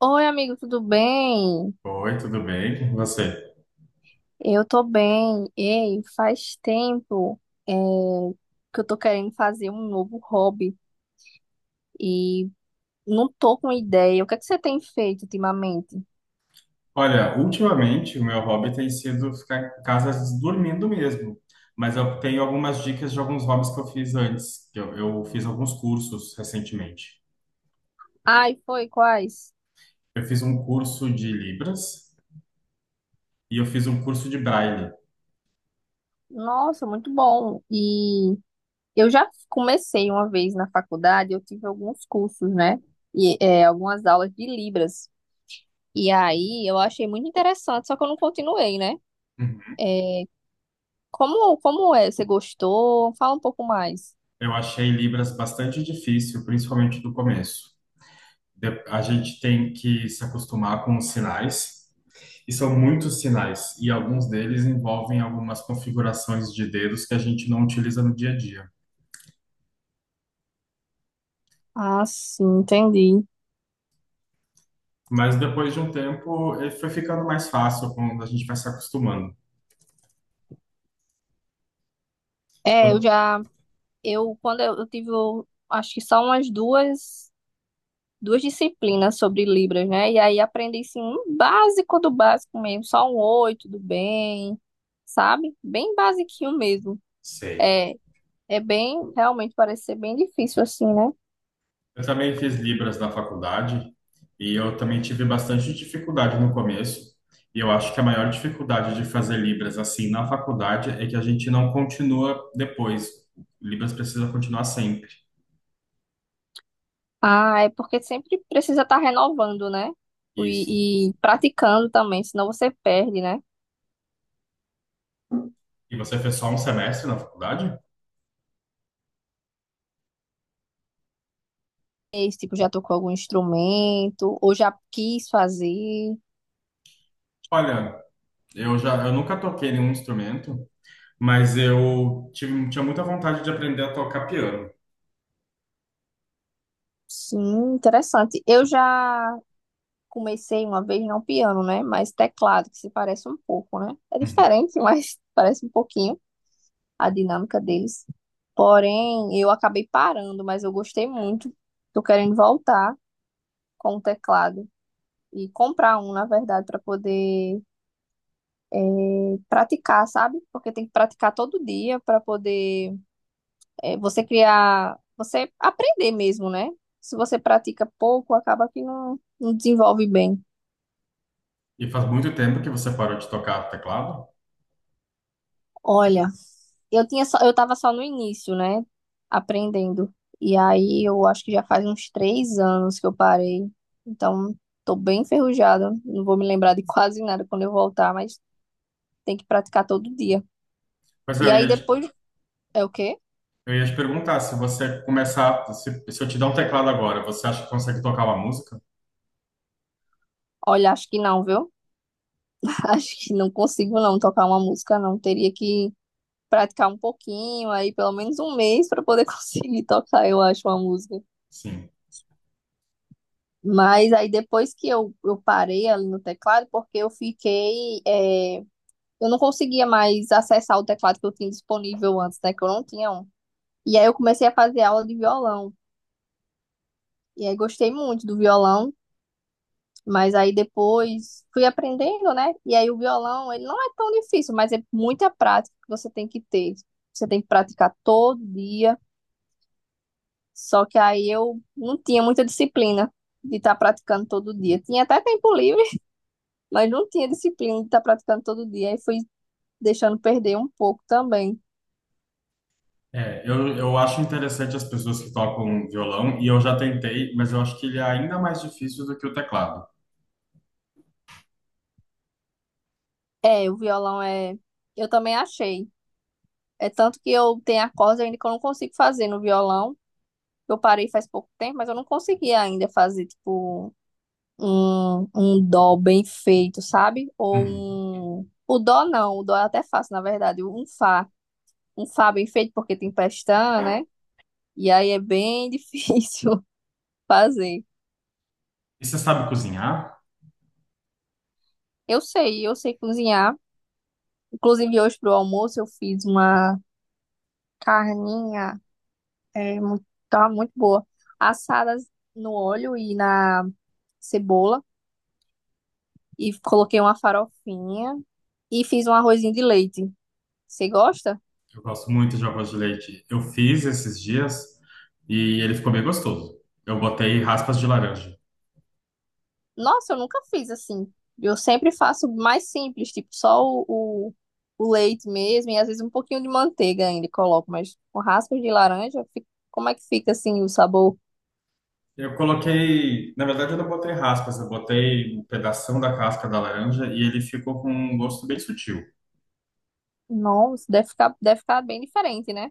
Oi, amigo, tudo bem? Oi, tudo bem com você? Eu tô bem. Ei, faz tempo é, que eu tô querendo fazer um novo hobby e não tô com ideia. O que é que você tem feito ultimamente? Olha, ultimamente o meu hobby tem sido ficar em casa dormindo mesmo, mas eu tenho algumas dicas de alguns hobbies que eu fiz antes, que eu fiz alguns cursos recentemente. Ai, foi, quais? Eu fiz um curso de Libras e eu fiz um curso de Braille. Nossa, muito bom. E eu já comecei uma vez na faculdade, eu tive alguns cursos, né? Algumas aulas de Libras. E aí eu achei muito interessante, só que eu não continuei, né? Uhum. É, Como, como é? Você gostou? Fala um pouco mais. Eu achei Libras bastante difícil, principalmente no começo. A gente tem que se acostumar com os sinais. E são muitos sinais, e alguns deles envolvem algumas configurações de dedos que a gente não utiliza no dia a dia. Ah, sim, entendi. Mas depois de um tempo, ele foi ficando mais fácil quando a gente vai se acostumando. É, eu Quando- já, quando eu, tive, acho que só umas duas, duas disciplinas sobre Libras, né? E aí aprendi, assim, um básico do básico mesmo, só um oi, tudo bem, sabe? Bem basiquinho mesmo. Sei. É, é bem, realmente parece ser bem difícil, assim, né? Eu também fiz Libras na faculdade, e eu também tive bastante dificuldade no começo. E eu acho que a maior dificuldade de fazer Libras assim na faculdade é que a gente não continua depois. Libras precisa continuar sempre. Ah, é porque sempre precisa estar renovando, né? Isso. E praticando também, senão você perde, né? E você fez só um semestre na faculdade? Esse tipo, já tocou algum instrumento, ou já quis fazer. Olha, eu já, eu nunca toquei nenhum instrumento, mas eu tive, tinha muita vontade de aprender a tocar piano. Sim, interessante. Eu já comecei uma vez, não piano, né? Mas teclado, que se parece um pouco, né? É Uhum. diferente, mas parece um pouquinho a dinâmica deles. Porém, eu acabei parando, mas eu gostei muito. Tô querendo voltar com o teclado e comprar um, na verdade, para poder eh, praticar, sabe? Porque tem que praticar todo dia para poder você criar, você aprender mesmo, né? Se você pratica pouco, acaba que não desenvolve bem. E faz muito tempo que você parou de tocar teclado. Olha, eu tava só no início, né? Aprendendo. E aí eu acho que já faz uns três anos que eu parei. Então, tô bem enferrujada. Não vou me lembrar de quase nada quando eu voltar, mas tem que praticar todo dia. Mas E eu aí ia, te- depois é o quê? eu ia te perguntar se você começar, se eu te dar um teclado agora, você acha que consegue tocar uma música? Olha, acho que não, viu? Acho que não consigo não tocar uma música, não. Teria que praticar um pouquinho, aí pelo menos um mês para poder conseguir tocar, eu acho, uma música. Sim. Mas aí depois que eu parei ali no teclado, porque eu fiquei. Eu não conseguia mais acessar o teclado que eu tinha disponível antes, né? Que eu não tinha um. E aí eu comecei a fazer aula de violão. E aí gostei muito do violão, mas aí depois fui aprendendo, né? E aí o violão, ele não é tão difícil, mas é muita prática que você tem que ter. Você tem que praticar todo dia. Só que aí eu não tinha muita disciplina de estar praticando todo dia. Tinha até tempo livre, mas não tinha disciplina de estar praticando todo dia. Aí fui deixando perder um pouco também. É, eu acho interessante as pessoas que tocam violão e eu já tentei, mas eu acho que ele é ainda mais difícil do que o teclado. É, o violão é. Eu também achei. É tanto que eu tenho acordes ainda que eu não consigo fazer no violão. Eu parei faz pouco tempo, mas eu não consegui ainda fazer, tipo, um dó bem feito, sabe? Ou Uhum. um. O dó não, o dó é até fácil, na verdade. Um fá. Um fá bem feito, porque tem pestana, né? E aí é bem difícil fazer. E você sabe cozinhar? Eu sei, cozinhar. Inclusive, hoje pro almoço eu fiz uma carninha, muito, tava muito boa, assada no óleo e na cebola, e coloquei uma farofinha e fiz um arrozinho de leite. Você gosta? Eu gosto muito de arroz de leite. Eu fiz esses dias e ele ficou bem gostoso. Eu botei raspas de laranja. Nossa, eu nunca fiz assim. Eu sempre faço mais simples, tipo só o, o leite mesmo, e às vezes um pouquinho de manteiga ainda coloco, mas com raspas de laranja, como é que fica assim o sabor? Eu coloquei, na verdade, eu não botei raspas, eu botei um pedação da casca da laranja e ele ficou com um gosto bem sutil. Nossa, deve ficar bem diferente, né?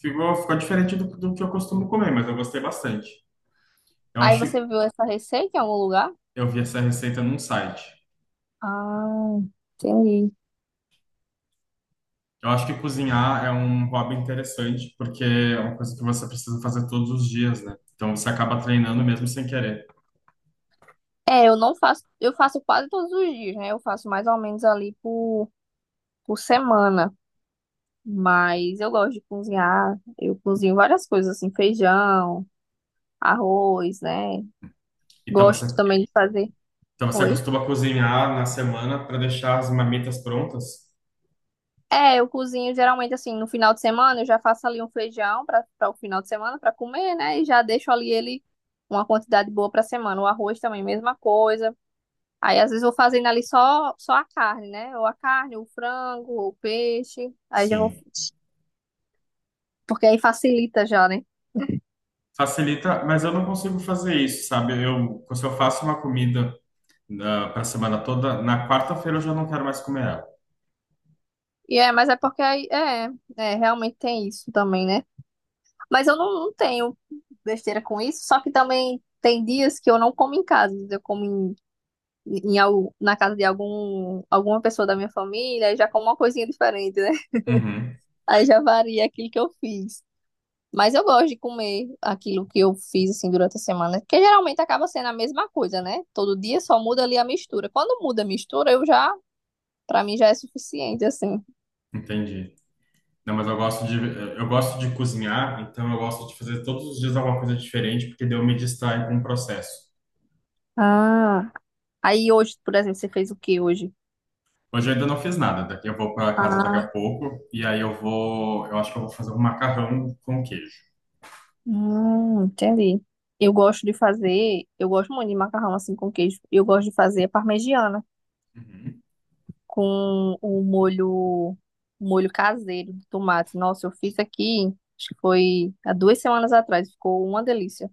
Ficou diferente do, do que eu costumo comer, mas eu gostei bastante. Eu Aí acho, você viu essa receita em algum lugar? eu vi essa receita num site. Ah, entendi. Eu acho que cozinhar é um hobby interessante, porque é uma coisa que você precisa fazer todos os dias, né? Então você acaba treinando mesmo sem querer. É, eu não faço, eu faço quase todos os dias, né? Eu faço mais ou menos por semana. Mas eu gosto de cozinhar. Eu cozinho várias coisas, assim, feijão, arroz, né? Então Gosto você também de fazer. Então você Oi? costuma cozinhar na semana para deixar as marmitas prontas? É, eu cozinho geralmente assim, no final de semana, eu já faço ali um feijão para o final de semana para comer, né? E já deixo ali ele uma quantidade boa para semana. O arroz também, mesma coisa. Aí às vezes eu vou fazendo ali só a carne, né? Ou a carne, ou o frango, ou o peixe. Aí já vou. Sim. Porque aí facilita já, né? Facilita, mas eu não consigo fazer isso, sabe? Eu, se eu faço uma comida para a semana toda, na quarta-feira eu já não quero mais comer ela. E é, mas é porque aí. É, é, realmente tem isso também, né? Mas eu não tenho besteira com isso. Só que também tem dias que eu não como em casa. Eu como na casa de alguma pessoa da minha família. Aí já como uma coisinha diferente, né? Uhum, Aí já varia aquilo que eu fiz. Mas eu gosto de comer aquilo que eu fiz assim durante a semana, que geralmente acaba sendo a mesma coisa, né? Todo dia só muda ali a mistura. Quando muda a mistura, pra mim já é suficiente assim. entendi. Não, mas eu gosto de cozinhar, então eu gosto de fazer todos os dias alguma coisa diferente, porque daí eu me distraio com o processo. Ah, aí hoje, por exemplo, você fez o que hoje? Hoje eu ainda não fiz nada, daqui eu vou para casa daqui a Ah, pouco, e aí eu vou, eu acho que eu vou fazer um macarrão com queijo. Entendi. Eu gosto de fazer, eu gosto muito de macarrão assim com queijo. Eu gosto de fazer parmegiana Uhum. com o molho, molho caseiro de tomate. Nossa, eu fiz aqui, acho que foi há duas semanas atrás, ficou uma delícia.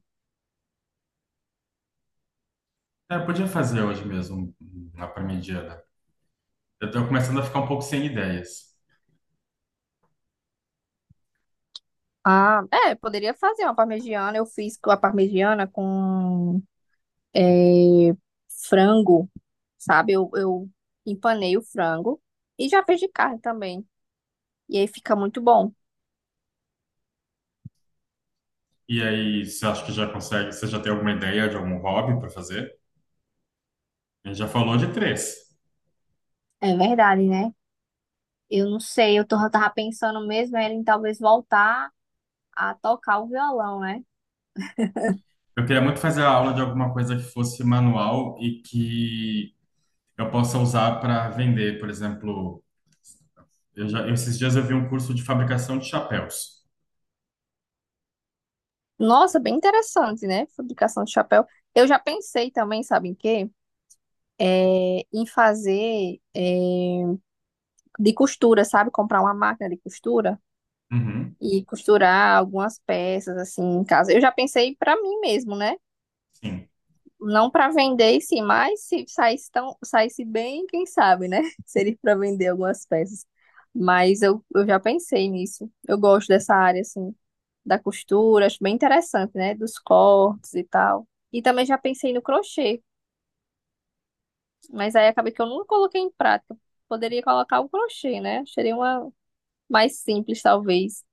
É, eu podia fazer hoje mesmo, lá para mediana. Eu tô começando a ficar um pouco sem ideias. Ah, é, poderia fazer uma parmegiana. Eu fiz com a parmegiana com é, frango, sabe? Eu empanei o frango e já fiz de carne também. E aí fica muito bom. E aí, você acha que já consegue? Você já tem alguma ideia de algum hobby para fazer? A gente já falou de três. É verdade, né? Eu não sei, eu tô, eu tava pensando mesmo era em talvez voltar a tocar o violão, né? Eu queria muito fazer a aula de alguma coisa que fosse manual e que eu possa usar para vender. Por exemplo, eu já, esses dias eu vi um curso de fabricação de chapéus. Nossa, bem interessante, né? Fabricação de chapéu. Eu já pensei também, sabe em quê? É, em fazer é, de costura, sabe? Comprar uma máquina de costura Uhum, e costurar algumas peças assim em casa. Eu já pensei para mim mesmo, né? sim. Não para vender, sim, mas se saísse bem, quem sabe, né? Seria para vender algumas peças. Mas eu já pensei nisso. Eu gosto dessa área assim da costura, acho bem interessante, né? Dos cortes e tal. E também já pensei no crochê, mas aí acabei que eu nunca coloquei em prática. Poderia colocar o crochê, né? Seria uma mais simples, talvez.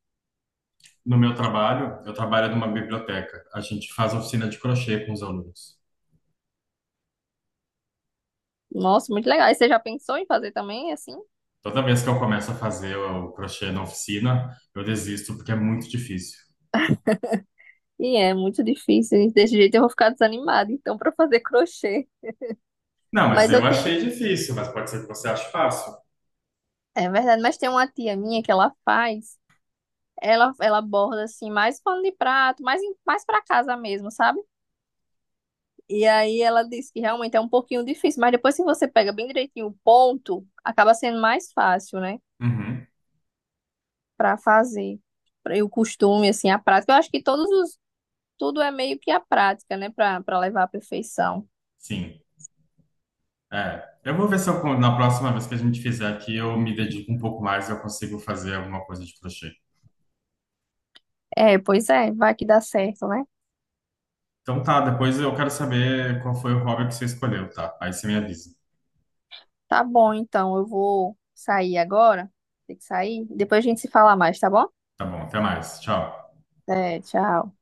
No meu trabalho, eu trabalho numa biblioteca. A gente faz oficina de crochê com os alunos. Nossa, muito legal. E você já pensou em fazer também, assim? Toda vez que eu começo a fazer o crochê na oficina, eu desisto porque é muito difícil. E é muito difícil. Desse jeito eu vou ficar desanimada, então, para fazer crochê. Não, mas Mas eu eu achei tenho. difícil, mas pode ser que você ache fácil. É verdade, mas tem uma tia minha que ela faz. Ela borda assim, mais pano de prato, mais para casa mesmo, sabe? E aí ela disse que realmente é um pouquinho difícil, mas depois que você pega bem direitinho o ponto, acaba sendo mais fácil, né? Uhum, Para fazer. E o costume, assim, a prática. Eu acho que todos os. Tudo é meio que a prática, né? Para levar à perfeição. sim. É. Eu vou ver se eu, na próxima vez que a gente fizer aqui, eu me dedico um pouco mais e eu consigo fazer alguma coisa de crochê. É, pois é, vai que dá certo, né? Então tá, depois eu quero saber qual foi o hobby que você escolheu, tá? Aí você me avisa. Tá bom, então. Eu vou sair agora. Tem que sair. Depois a gente se fala mais, tá bom? Tá bom, até mais. Tchau. É, tchau.